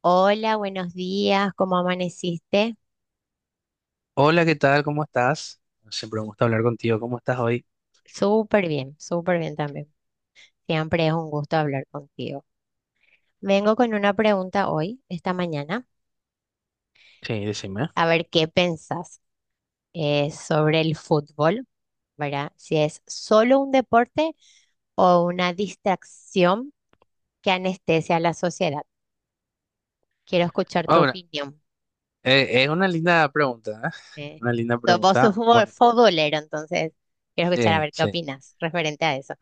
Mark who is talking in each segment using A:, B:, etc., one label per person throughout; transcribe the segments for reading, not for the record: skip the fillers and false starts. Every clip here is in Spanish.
A: Hola, buenos días, ¿cómo amaneciste?
B: Hola, ¿qué tal? ¿Cómo estás? Siempre me gusta hablar contigo. ¿Cómo estás hoy?
A: Súper bien también. Siempre es un gusto hablar contigo. Vengo con una pregunta hoy, esta mañana,
B: Sí, decime.
A: a ver qué pensás sobre el fútbol, ¿verdad? Si es solo un deporte o una distracción que anestesia a la sociedad. Quiero escuchar tu
B: Ahora,
A: opinión.
B: es una linda pregunta, ¿eh?
A: eh.
B: Una linda
A: Vos sos
B: pregunta. Bueno,
A: futbolero, entonces quiero escuchar a
B: sí,
A: ver qué
B: sí.
A: opinas referente a eso.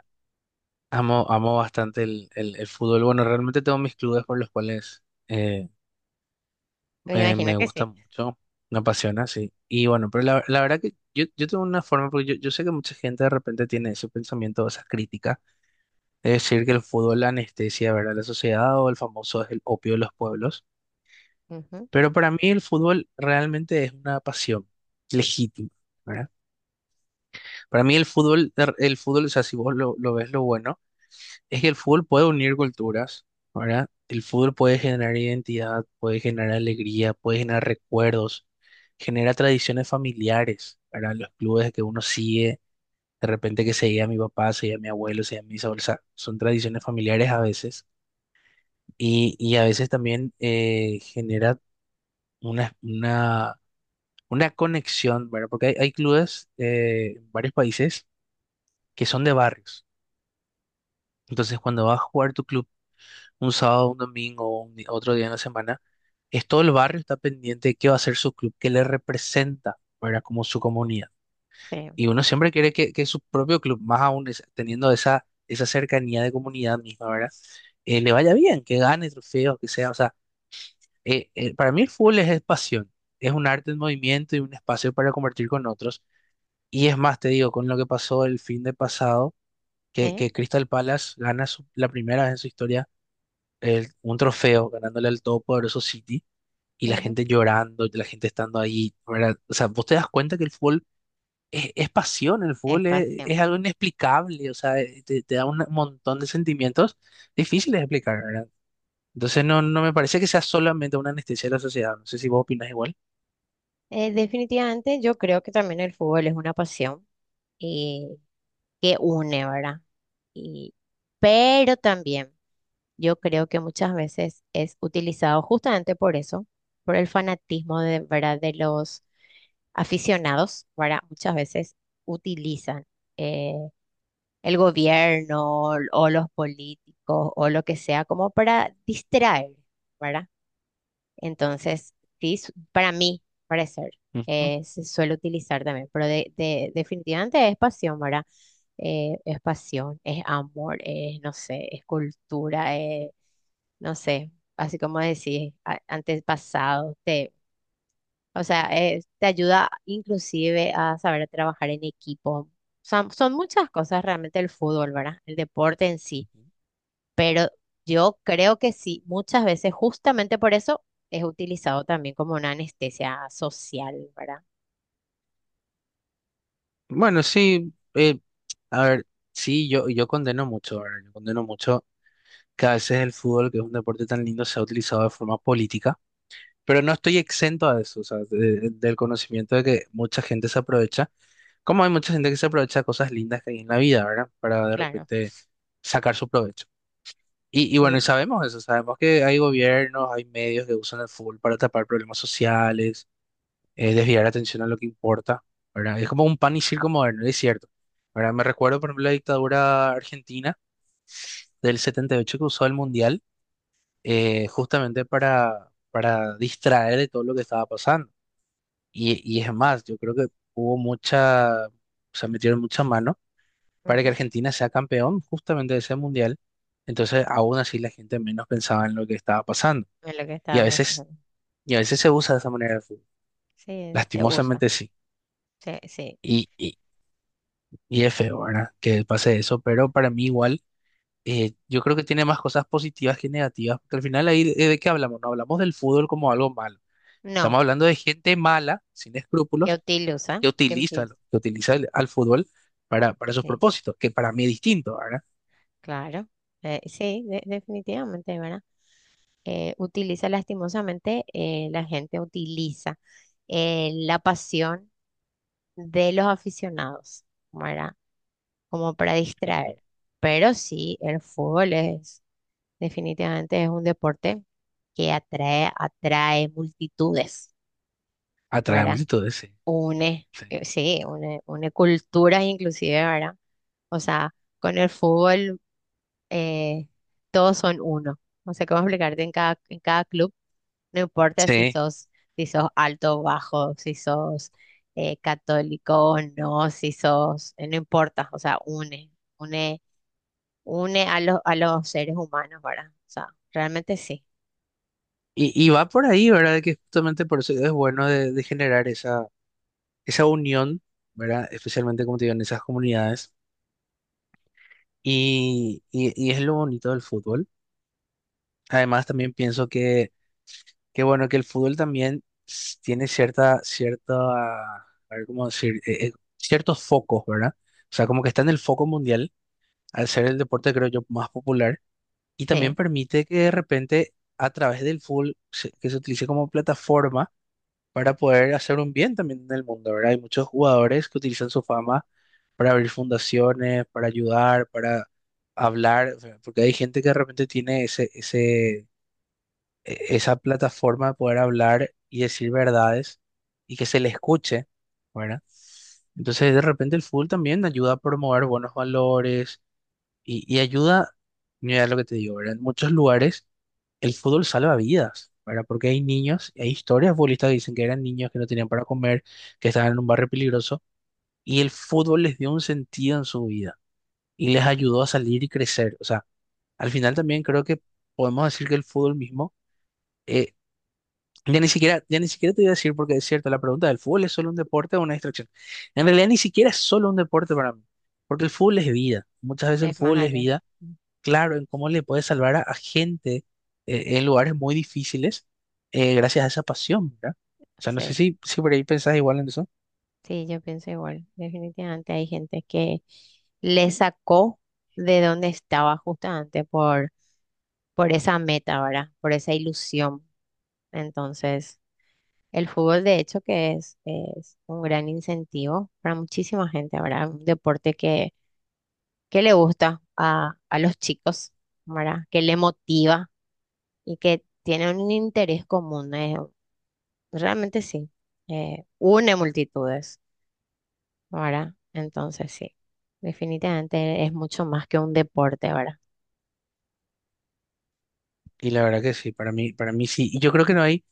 B: Amo, amo bastante el fútbol. Bueno, realmente tengo mis clubes por los cuales eh,
A: Me
B: me,
A: imagino
B: me
A: que
B: gusta
A: sí.
B: mucho, me apasiona, sí. Y bueno, pero la verdad que yo tengo una forma, porque yo sé que mucha gente de repente tiene ese pensamiento, esa crítica de decir que el fútbol anestesia, ¿verdad? La sociedad o el famoso es el opio de los pueblos.
A: Ujú,
B: Pero para mí el fútbol realmente es una pasión legítima, ¿verdad? Para mí el fútbol, o sea, si vos lo ves lo bueno, es que el fútbol puede unir culturas, ¿verdad? El fútbol puede generar identidad, puede generar alegría, puede generar recuerdos, genera tradiciones familiares, ¿verdad? Los clubes que uno sigue, de repente que seguía a mi papá, seguía a mi abuelo, seguía a mis abuelos, o sea, son tradiciones familiares a veces, y a veces también genera una, una una conexión, ¿verdad? Porque hay clubes en varios países que son de barrios. Entonces, cuando vas a jugar tu club un sábado, un domingo, otro día en la semana, es todo el barrio está pendiente de qué va a ser su club, qué le representa, ¿verdad? Como su comunidad.
A: creo.
B: Y uno siempre quiere que su propio club, más aún teniendo esa cercanía de comunidad misma, ¿verdad? Le vaya bien, que gane trofeos, que sea. O sea, para mí el fútbol es pasión, es un arte en movimiento y un espacio para compartir con otros. Y es más, te digo, con lo que pasó el fin de pasado, que,
A: Sí,
B: que Crystal Palace gana la primera vez en su historia un trofeo, ganándole al todopoderoso City, y la gente llorando, y la gente estando ahí, ¿verdad? O sea, vos te das cuenta que el fútbol es pasión, el
A: es
B: fútbol es
A: pasión.
B: algo inexplicable, o sea, te, te da un montón de sentimientos difíciles de explicar, ¿verdad? Entonces no, no me parece que sea solamente una anestesia de la sociedad, no sé si vos opinás igual.
A: Definitivamente yo creo que también el fútbol es una pasión eh, que une, ¿verdad? Y, pero también yo creo que muchas veces es utilizado justamente por eso, por el fanatismo de, ¿verdad? De los aficionados, ¿verdad? Muchas veces utilizan eh, el gobierno o los políticos o lo que sea como para distraer, ¿verdad? Entonces, sí, para mí, parecer,
B: Ujú,
A: se suele utilizar también, pero definitivamente es pasión, ¿verdad? Es pasión, es amor, es, no sé, es cultura, es, no sé, así como decís, antepasado, te, o sea, te ayuda inclusive a saber trabajar en equipo. Son muchas cosas realmente el fútbol, ¿verdad? El deporte en sí.
B: ujú.
A: Yo creo que sí, muchas veces justamente por eso es utilizado también como una anestesia social, ¿verdad?
B: Bueno, sí, a ver, sí, yo condeno mucho, ¿verdad? Yo condeno mucho que a veces el fútbol, que es un deporte tan lindo, se ha utilizado de forma política, pero no estoy exento a eso, o sea, del conocimiento de que mucha gente se aprovecha, como hay mucha gente que se aprovecha de cosas lindas que hay en la vida, ¿verdad? Para de
A: Claro,
B: repente sacar su provecho. Y bueno, y
A: sí.
B: sabemos eso, sabemos que hay gobiernos, hay medios que usan el fútbol para tapar problemas sociales desviar la atención a lo que importa, ¿verdad? Es como un pan y circo moderno, es cierto, ¿verdad? Me recuerdo, por ejemplo, la dictadura argentina del 78 que usó el Mundial justamente para distraer de todo lo que estaba pasando. Y es más, yo creo que hubo mucha, o sea, metieron mucha mano para que
A: Ujú,
B: Argentina sea campeón justamente de ese Mundial. Entonces, aún así, la gente menos pensaba en lo que estaba pasando.
A: es lo que
B: Y a
A: estaba
B: veces,
A: pasando.
B: y a veces se usa de esa manera el fútbol.
A: Sí, se usa.
B: Lastimosamente sí.
A: Sí, sí.
B: Y, y es feo, ¿verdad? Que pase eso, pero para mí igual, yo creo que tiene más cosas positivas que negativas, porque al final ahí de qué hablamos, no hablamos del fútbol como algo malo,
A: No,
B: estamos hablando de gente mala, sin
A: que
B: escrúpulos,
A: utiliza,
B: que
A: que
B: utiliza,
A: utiliza.
B: que utiliza al fútbol para sus
A: Sí,
B: propósitos, que para mí es distinto, ¿verdad?
A: claro. Sí, definitivamente, ¿verdad? Utiliza lastimosamente, la gente utiliza la pasión de los aficionados, ¿verdad? Como para
B: Ujú.
A: distraer. Pero sí, el fútbol es, definitivamente es un deporte que atrae, atrae multitudes.
B: Atrae
A: ¿Verdad?
B: multitudes, sí.
A: Une,
B: Sí.
A: sí, une, une culturas inclusive, ¿verdad? O sea, con el fútbol eh, todos son uno. No sé cómo explicarte en cada club, no importa si
B: Sí.
A: sos, si sos alto o bajo, si sos católico o no, si sos, no importa, o sea, une, une, une a los seres humanos, ¿verdad? O sea, realmente sí,
B: Y va por ahí, ¿verdad? Que justamente por eso es bueno de generar esa, esa unión, ¿verdad? Especialmente, como te digo, en esas comunidades. Y es lo bonito del fútbol. Además, también pienso que bueno, que el fútbol también tiene cierta, cierta, a ver cómo decir, ciertos focos, ¿verdad? O sea, como que está en el foco mundial, al ser el deporte, creo yo, más popular, y también
A: sí,
B: permite que de repente, a través del fútbol, que se utilice como plataforma para poder hacer un bien también en el mundo, ¿verdad? Hay muchos jugadores que utilizan su fama para abrir fundaciones, para ayudar, para hablar, o sea, porque hay gente que de repente tiene esa plataforma de poder hablar y decir verdades y que se le escuche, ¿verdad? Entonces, de repente el fútbol también ayuda a promover buenos valores y ayuda, mira lo que te digo, ¿verdad? En muchos lugares el fútbol salva vidas, ¿verdad? Porque hay niños, hay historias de futbolistas que dicen que eran niños que no tenían para comer, que estaban en un barrio peligroso y el fútbol les dio un sentido en su vida y les ayudó a salir y crecer. O sea, al final también creo que podemos decir que el fútbol mismo eh, ya ni siquiera, ya ni siquiera te iba a decir porque es cierto, la pregunta del fútbol es solo un deporte o una distracción. En realidad ni siquiera es solo un deporte para mí, porque el fútbol es vida. Muchas veces el
A: es más
B: fútbol es
A: allá.
B: vida, claro, en cómo le puede salvar a gente en lugares muy difíciles gracias a esa pasión, ¿verdad? O sea, no
A: Sí.
B: sé si, si por ahí pensás igual en eso.
A: Sí, yo pienso igual. Definitivamente hay gente que le sacó de donde estaba justamente por esa meta, ¿verdad? Por esa ilusión. Entonces, el fútbol de hecho que es un gran incentivo para muchísima gente, ¿verdad? Un deporte que le gusta a los chicos, ¿verdad? Que le motiva y que tiene un interés común. Realmente sí, une multitudes. ¿Verdad? Entonces sí, definitivamente es mucho más que un deporte, ¿verdad?
B: Y la verdad que sí, para mí sí. Y yo creo que no hay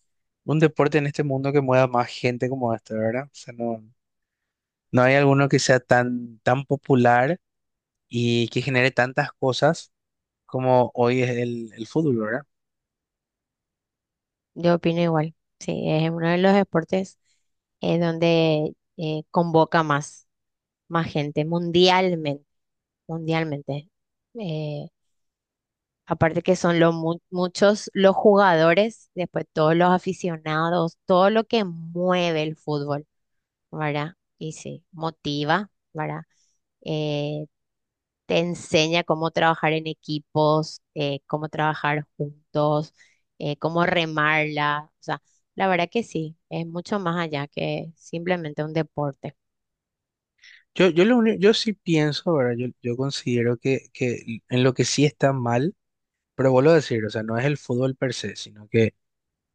B: un deporte en este mundo que mueva más gente como este, ¿verdad? O sea, no, no hay alguno que sea tan, tan popular y que genere tantas cosas como hoy es el fútbol, ¿verdad?
A: Yo opino igual, sí, es uno de los deportes donde convoca más, más gente mundialmente, mundialmente. Eh, aparte que son los muchos los jugadores, después todos los aficionados, todo lo que mueve el fútbol, ¿verdad? Y sí, motiva, ¿verdad? Eh, te enseña cómo trabajar en equipos, cómo trabajar juntos, cómo remarla. O sea, la verdad que sí, es mucho más allá que simplemente un deporte
B: Lo único- yo sí pienso, ¿verdad? Yo considero que en lo que sí está mal, pero vuelvo a decir, o sea, no es el fútbol per se, sino que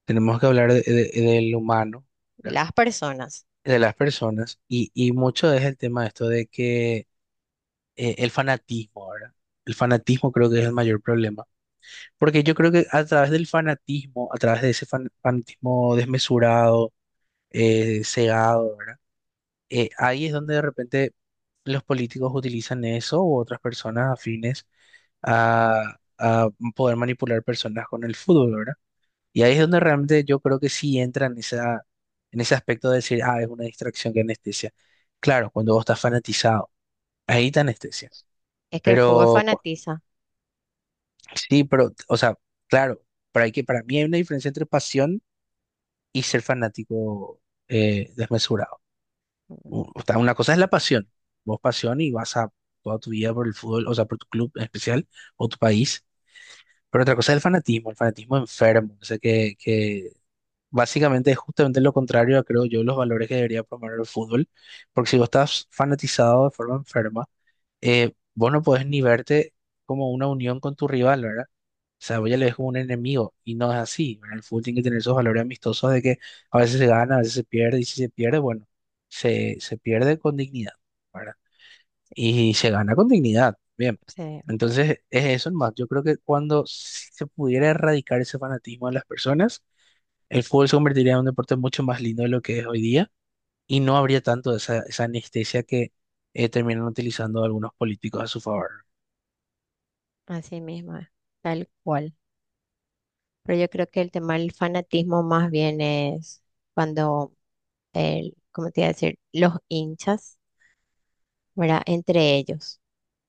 B: tenemos que hablar del humano,
A: de
B: ¿verdad?
A: las personas.
B: De las personas, y mucho es el tema de esto de que el fanatismo, ¿verdad? El fanatismo creo que es el mayor problema, porque yo creo que a través del fanatismo, a través de ese fanatismo desmesurado, cegado, ¿verdad? Ahí es donde de repente los políticos utilizan eso u otras personas afines a poder manipular personas con el fútbol, ¿verdad? Y ahí es donde realmente yo creo que sí entra en esa, en ese aspecto de decir, ah, es una distracción que anestesia. Claro, cuando vos estás fanatizado, ahí te anestesia.
A: Es que el fútbol
B: Pero cu-
A: fanatiza.
B: sí, pero, o sea, claro, para, que, para mí hay una diferencia entre pasión y ser fanático desmesurado.
A: Mm,
B: O sea, una cosa es la pasión, vos pasión y vas a toda tu vida por el fútbol, o sea, por tu club en especial o tu país, pero otra cosa es el fanatismo enfermo, o sea, que básicamente es justamente lo contrario a, creo yo, los valores que debería promover el fútbol, porque si vos estás fanatizado de forma enferma, vos no podés ni verte como una unión con tu rival, ¿verdad? O sea, voy a leer como un enemigo y no es así. En el fútbol tiene que tener esos valores amistosos de que a veces se gana, a veces se pierde y si se pierde, bueno, se pierde con dignidad, ¿verdad? Y se gana con dignidad, bien.
A: sí,
B: Entonces, es eso más. Yo creo que cuando si se pudiera erradicar ese fanatismo de las personas, el fútbol se convertiría en un deporte mucho más lindo de lo que es hoy día y no habría tanto esa, esa anestesia que terminan utilizando algunos políticos a su favor.
A: así mismo, es, tal cual. Pero yo creo que el tema del fanatismo más bien es cuando, el, ¿cómo te iba a decir? Los hinchas, ¿verdad? Entre ellos.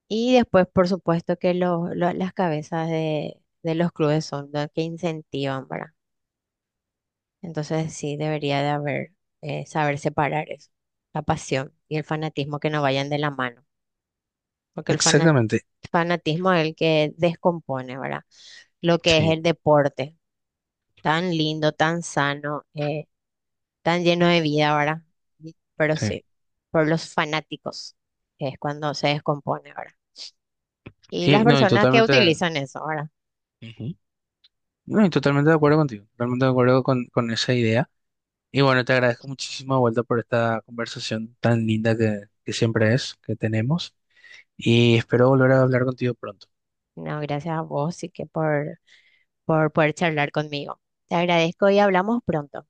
A: Y después, por supuesto, que las cabezas de los clubes son las que incentivan, ¿verdad? Entonces, sí, debería de haber, saber separar eso, la pasión y el fanatismo que no vayan de la mano, porque el
B: Exactamente,
A: fanatismo es el que descompone, ¿verdad? Lo que es
B: sí,
A: el deporte, tan lindo, tan sano, tan lleno de vida, ¿verdad? Pero
B: sí.
A: sí, por los fanáticos es cuando se descompone, ¿verdad? Y las
B: Y no, y
A: personas que
B: totalmente...
A: utilizan eso, ¿verdad?
B: ujú. No, y totalmente de acuerdo contigo, totalmente de acuerdo con esa idea. Y bueno, te agradezco muchísimo de vuelta por esta conversación tan linda que siempre es, que tenemos, y espero volver a hablar contigo pronto.
A: No, gracias a vos y que por poder charlar conmigo. Te agradezco y hablamos pronto.